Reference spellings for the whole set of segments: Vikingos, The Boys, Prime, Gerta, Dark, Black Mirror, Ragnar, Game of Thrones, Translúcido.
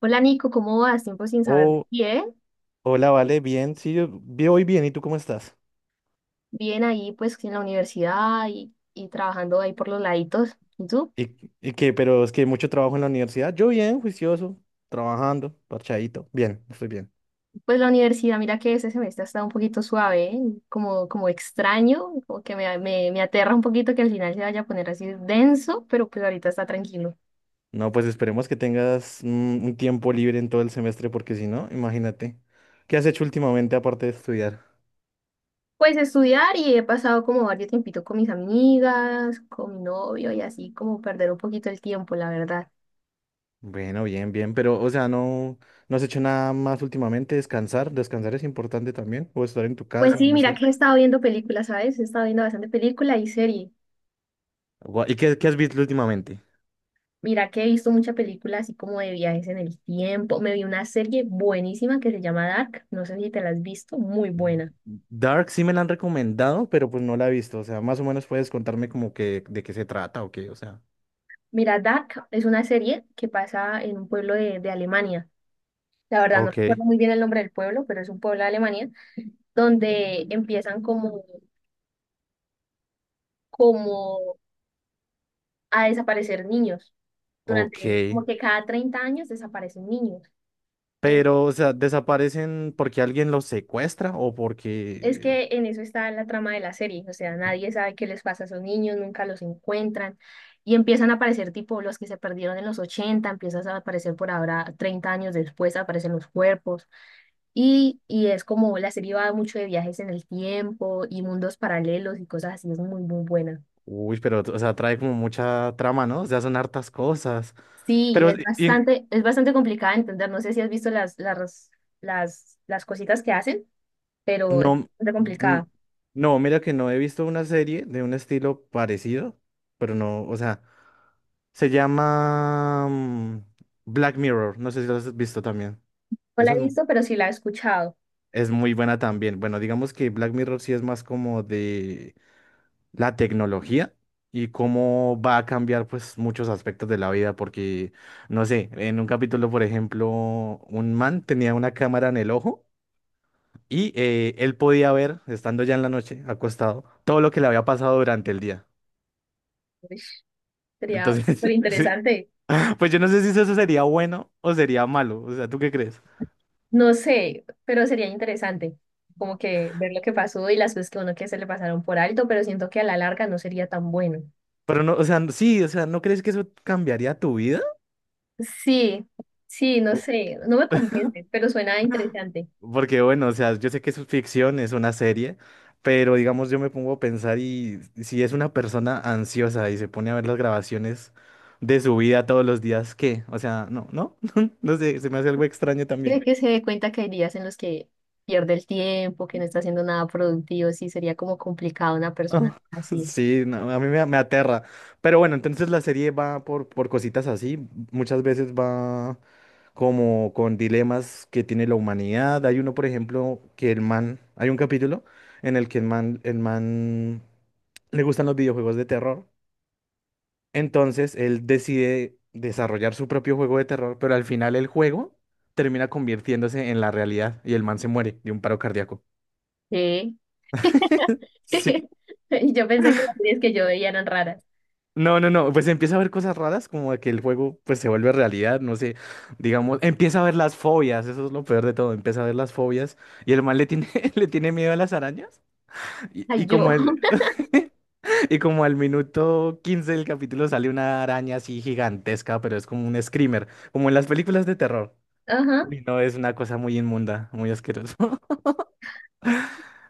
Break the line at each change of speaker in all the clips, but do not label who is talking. Hola Nico, ¿cómo vas? Tiempo sin saber de
Oh,
ti, ¿eh?
hola, vale, bien, sí, voy bien, ¿y tú cómo estás?
Bien ahí pues en la universidad y trabajando ahí por los laditos. ¿Y tú?
¿Y qué? Pero es que mucho trabajo en la universidad. Yo bien, juicioso, trabajando, parchadito. Bien, estoy bien.
Pues la universidad, mira que ese semestre ha estado un poquito suave, ¿eh? Como, como extraño, como que me aterra un poquito que al final se vaya a poner así denso, pero pues ahorita está tranquilo.
No, pues esperemos que tengas un tiempo libre en todo el semestre, porque si no, imagínate. ¿Qué has hecho últimamente aparte de estudiar?
Pues estudiar y he pasado como varios tiempito con mis amigas, con mi novio y así como perder un poquito el tiempo, la verdad.
Bueno, bien, bien, pero, o sea, no has hecho nada más últimamente, descansar, descansar es importante también, o estar en tu
Pues
casa,
sí,
no
mira
sé.
que he estado viendo películas, ¿sabes? He estado viendo bastante película y serie.
¿Y qué, qué has visto últimamente?
Mira que he visto muchas películas así como de viajes en el tiempo. Me vi una serie buenísima que se llama Dark. No sé si te la has visto, muy buena.
Dark sí me la han recomendado, pero pues no la he visto. O sea, más o menos puedes contarme como que de qué se trata o qué, o sea.
Mira, Dark es una serie que pasa en un pueblo de Alemania. La verdad no
Ok,
recuerdo muy bien el nombre del pueblo, pero es un pueblo de Alemania donde empiezan como, como a desaparecer niños.
ok.
Durante como que cada 30 años desaparecen niños. En
Pero, o sea, ¿desaparecen porque alguien los secuestra o
Es
porque...
que en eso está la trama de la serie, o sea, nadie sabe qué les pasa a esos niños, nunca los encuentran y empiezan a aparecer tipo los que se perdieron en los 80, empiezan a aparecer por ahora 30 años después, aparecen los cuerpos y es como la serie va mucho de viajes en el tiempo y mundos paralelos y cosas así, es muy, muy buena.
Uy, pero, o sea, trae como mucha trama, ¿no? O sea, son hartas cosas.
Sí,
Pero, ¿y en-
es bastante complicada de entender, no sé si has visto las, las cositas que hacen, pero es
No,
bastante
mm,
complicada.
no, mira que no he visto una serie de un estilo parecido, pero no, o sea, se llama Black Mirror, no sé si lo has visto también.
No la
Esa
he
es, mu-
visto, pero sí la he escuchado.
es muy buena también. Bueno, digamos que Black Mirror sí es más como de la tecnología y cómo va a cambiar pues muchos aspectos de la vida, porque, no sé, en un capítulo, por ejemplo, un man tenía una cámara en el ojo. Y él podía ver, estando ya en la noche, acostado, todo lo que le había pasado durante el día.
Sería súper
Entonces, sí,
interesante.
pues yo no sé si eso sería bueno o sería malo. O sea, ¿tú qué crees?
No sé, pero sería interesante como que ver lo que pasó y las cosas que uno que se le pasaron por alto, pero siento que a la larga no sería tan bueno.
Pero no, o sea, sí, o sea, ¿no crees que eso cambiaría tu vida?
Sí, sí, no
Po-
sé, no me convence, pero suena interesante.
Porque bueno, o sea, yo sé que es ficción, es una serie, pero digamos yo me pongo a pensar y si es una persona ansiosa y se pone a ver las grabaciones de su vida todos los días, ¿qué? O sea, no sé, se me hace algo extraño
Creo
también.
que se dé cuenta que hay días en los que pierde el tiempo, que no está haciendo nada productivo, sí, sería como complicado una persona
Ah,
así.
Sí, no, a mí me aterra. Pero bueno, entonces la serie va por cositas así. Muchas veces va como con dilemas que tiene la humanidad. Hay uno, por ejemplo, que el man, hay un capítulo en el que el man le gustan los videojuegos de terror. Entonces él decide desarrollar su propio juego de terror, pero al final el juego termina convirtiéndose en la realidad y el man se muere de un paro cardíaco.
Sí.
Sí.
Y yo pensé que las series que yo veía eran raras.
No, no, no, pues empieza a ver cosas raras como de que el juego pues se vuelve realidad, no sé, digamos, empieza a ver las fobias, eso es lo peor de todo, empieza a ver las fobias y el man le tiene, le tiene miedo a las arañas y,
Ay,
y
yo.
como y como al minuto 15 del capítulo sale una araña así gigantesca, pero es como un screamer, como en las películas de terror.
Ajá.
Uy, no, es una cosa muy inmunda, muy asquerosa.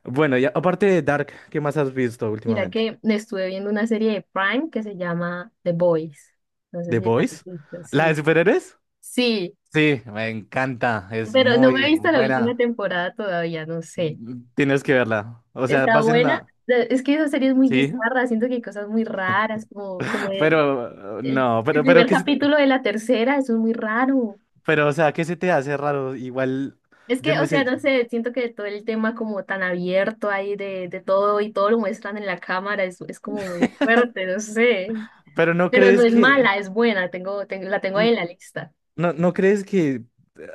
Bueno, y aparte de Dark, ¿qué más has visto
Mira
últimamente?
que estuve viendo una serie de Prime que se llama The Boys. No sé
¿The
si la has
Boys?
visto,
¿La de
sí.
superhéroes?
Sí,
Sí, me encanta, es
pero no me
muy
he visto la última
buena.
temporada todavía, no sé.
Tienes que verla. O sea,
Está
vas
buena.
la...
Es que esa serie es muy
Sí,
bizarra, siento que hay cosas muy raras, como, como el,
pero
el,
no,
el primer capítulo de la tercera, eso es muy raro.
pero, o sea, ¿qué se te hace raro? Igual,
Es
yo
que, o
no
sea,
sé,
no sé, siento que todo el tema como tan abierto ahí de todo y todo lo muestran en la cámara, es como muy fuerte, no sé.
pero
Pero no es mala, es buena, tengo, la tengo ahí
n-
en la lista.
no, ¿no crees que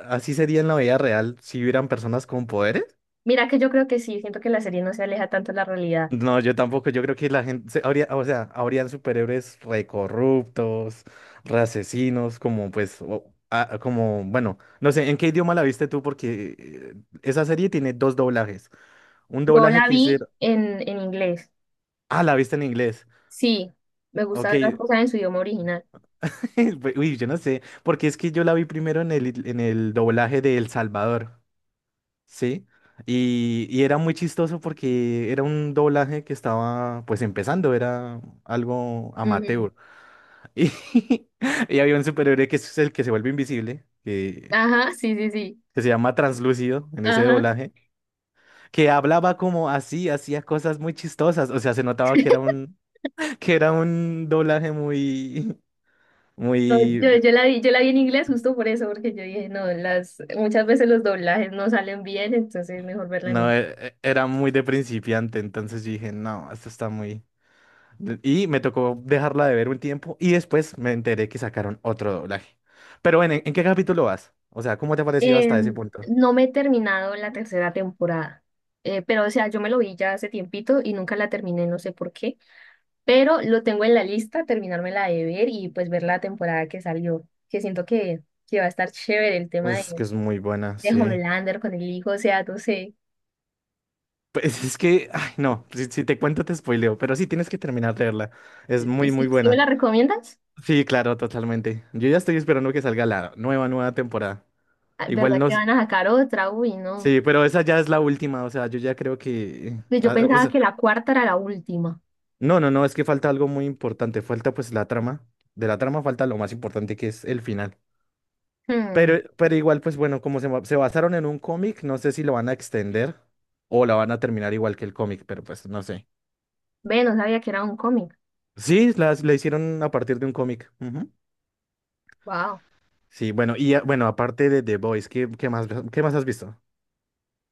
así sería en la vida real si hubieran personas con poderes?
Mira que yo creo que sí, siento que la serie no se aleja tanto de la realidad.
No, yo tampoco. Yo creo que habría, o sea, habrían superhéroes recorruptos, re asesinos, como pues, como, bueno, no sé, ¿en qué idioma la viste tú? Porque esa serie tiene dos doblajes. Un
Yo
doblaje
la
que
vi
hicieron.
en inglés.
Ah, la viste en inglés.
Sí, me gusta
Ok.
ver las cosas en su idioma original.
Pues, uy, yo no sé. Porque es que yo la vi primero en en el doblaje de El Salvador. ¿Sí? Y era muy chistoso porque era un doblaje que estaba pues empezando, era algo
Ujú.
amateur. Y, y había un superhéroe que es el que se vuelve invisible,
Ajá, sí, sí, sí.
que se llama Translúcido en ese
Ajá.
doblaje, que hablaba como así, hacía cosas muy chistosas. O sea, se notaba que era un, que era un doblaje muy,
No, yo,
muy,
yo la vi, yo la vi en inglés justo por eso, porque yo dije, no, las, muchas veces los doblajes no salen bien, entonces es mejor verla en
no,
inglés.
era muy de principiante. Entonces yo dije, no, esto está muy. Y me tocó dejarla de ver un tiempo y después me enteré que sacaron otro doblaje. Pero bueno, en qué capítulo vas? O sea, ¿cómo te ha parecido hasta ese punto?
No me he terminado la tercera temporada, pero o sea, yo me lo vi ya hace tiempito y nunca la terminé, no sé por qué. Pero lo tengo en la lista, terminármela de ver y pues ver la temporada que salió, que siento que va a estar chévere el tema
Pues que es muy buena,
de
sí.
Homelander con el hijo, o sea, no sé.
Pues es que, ay, no, si, si te cuento te spoileo, pero sí tienes que terminar de verla. Es
¿Y
muy,
si,
muy
si me
buena.
la recomiendas?
Sí, claro, totalmente. Yo ya estoy esperando que salga la nueva temporada.
Ay,
Igual
¿verdad
no.
que van a sacar otra? Uy, no.
Sí, pero esa ya es la última, o sea, yo ya creo que.
Pues yo
Ah, o
pensaba
sea,
que la cuarta era la última.
no, no, no, es que falta algo muy importante. Falta pues la trama. De la trama falta lo más importante que es el final.
Hmm.
Pero igual, pues bueno, como se basaron en un cómic, no sé si lo van a extender o la van a terminar igual que el cómic, pero pues no sé.
Ve, no sabía que era un cómic.
Sí, la hicieron a partir de un cómic. Ujú.
Wow.
Sí, bueno, y ah, bueno, aparte de The Boys, qué más has visto?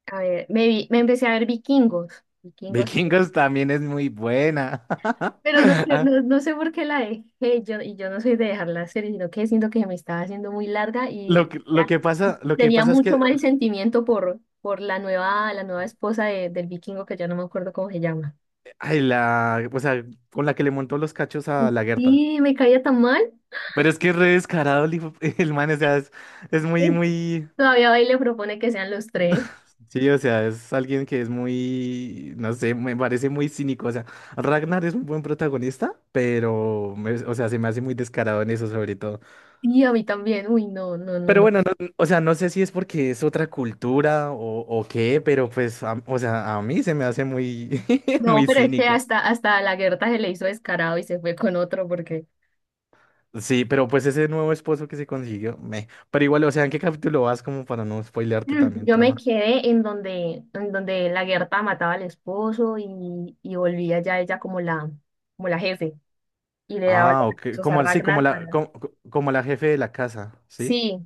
A ver, me empecé a ver Vikingos. Vikingos.
Vikingos también es muy buena.
Pero no sé,
Ah,
no, no sé por qué la dejé yo, y yo no soy de dejar la serie, sino que siento que me estaba haciendo muy larga y ya
Lo que
tenía
pasa es
mucho
que,
mal sentimiento por la nueva esposa del vikingo que ya no me acuerdo cómo se llama.
ay, la, o sea, con la que le montó los cachos a la Gerta.
Y me caía tan mal.
Pero es que es re descarado el man, o sea, es muy, muy...
Todavía va y le propone que sean los tres.
Sí, o sea, es alguien que es muy, no sé, me parece muy cínico. O sea, Ragnar es un buen protagonista, pero o sea, se me hace muy descarado en eso, sobre todo.
Y a mí también. Uy, no, no, no,
Pero
no.
bueno, o sea, no sé si es porque es otra cultura o qué, pero pues, o sea, a mí se me hace muy,
No,
muy
pero es que
cínico.
hasta, hasta a la Gerta se le hizo descarado y se fue con otro porque
Sí, pero pues ese nuevo esposo que se consiguió, me. Pero igual, o sea, ¿en qué capítulo vas como para no spoilearte
Mm,
también
yo me
trama?
quedé en donde la Gerta mataba al esposo y volvía ya ella como la jefe y le daba
Ah,
los
ok,
recursos a
como sí,
Ragnar para...
como la jefe de la casa, ¿sí?
Sí,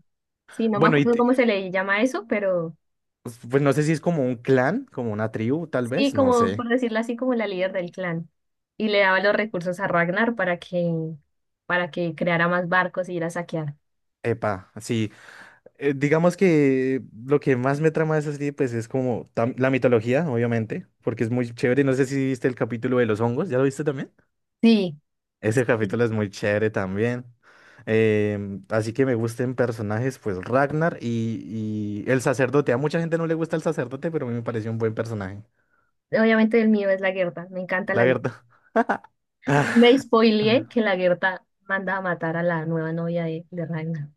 sí, no me
Bueno, y
acuerdo cómo
te-
se le llama eso, pero
pues no sé si es como un clan, como una tribu, tal
sí,
vez, no
como
sé.
por decirlo así, como la líder del clan. Y le daba los recursos a Ragnar para que creara más barcos y ir a saquear.
Epa, sí. Eh, digamos que lo que más me trama de esa serie, pues es como la mitología, obviamente, porque es muy chévere. No sé si viste el capítulo de los hongos, ¿ya lo viste también?
Sí,
Ese capítulo es muy chévere también. Em, así que me gusten personajes, pues Ragnar y el sacerdote. A mucha gente no le gusta el sacerdote, pero a mí me pareció un buen personaje,
obviamente el mío es la Gerta, me encanta
la
la Gerta.
verdad.
Me spoileé que
Ajá.
la Gerta manda a matar a la nueva novia de Ragnar.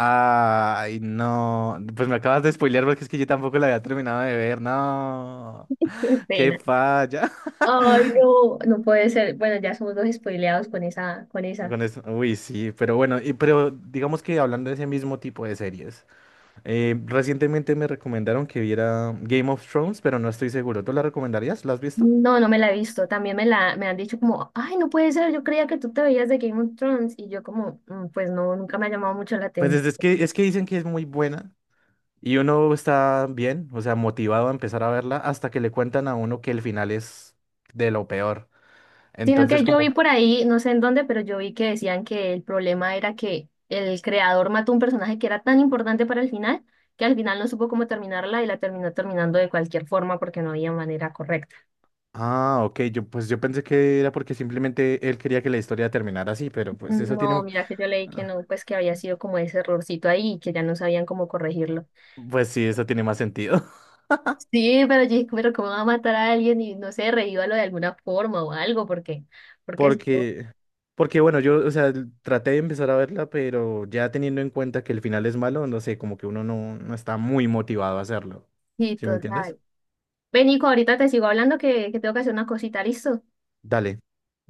Ay, no. Pues me acabas de spoilear porque es que yo tampoco la había terminado de ver. No.
Qué
Qué
pena.
falla.
Ay, no, no puede ser. Bueno, ya somos dos spoileados con esa, con esa.
Con eso, uy, sí, pero bueno, y, pero digamos que hablando de ese mismo tipo de series, recientemente me recomendaron que viera Game of Thrones, pero no estoy seguro. ¿Tú la recomendarías? ¿La has visto?
No, no me la he visto. También me la, me han dicho como, ay, no puede ser, yo creía que tú te veías de Game of Thrones. Y yo como, "Mm, pues no, nunca me ha llamado mucho la
Pues
atención".
es que dicen que es muy buena y uno está bien, o sea, motivado a empezar a verla hasta que le cuentan a uno que el final es de lo peor.
Sino que
Entonces
yo vi
como,
por ahí, no sé en dónde, pero yo vi que decían que el problema era que el creador mató un personaje que era tan importante para el final, que al final no supo cómo terminarla y la terminó terminando de cualquier forma porque no había manera correcta.
ah, ok, yo pues yo pensé que era porque simplemente él quería que la historia terminara así, pero pues eso
No,
tiene,
mira que yo leí que
ah,
no, pues que había sido como ese errorcito ahí y que ya no sabían cómo corregirlo.
pues sí, eso tiene más sentido.
Sí, pero yo dije, pero ¿cómo va a matar a alguien? Y no sé, reívalo de alguna forma o algo, porque, porque si no,
Porque, Porque bueno, yo, o sea, traté de empezar a verla, pero ya teniendo en cuenta que el final es malo, no sé, como que uno no, no está muy motivado a hacerlo.
sí,
¿Sí me entiendes?
total. Ven, Nico, ahorita te sigo hablando que tengo que hacer una cosita, ¿listo?
Dale.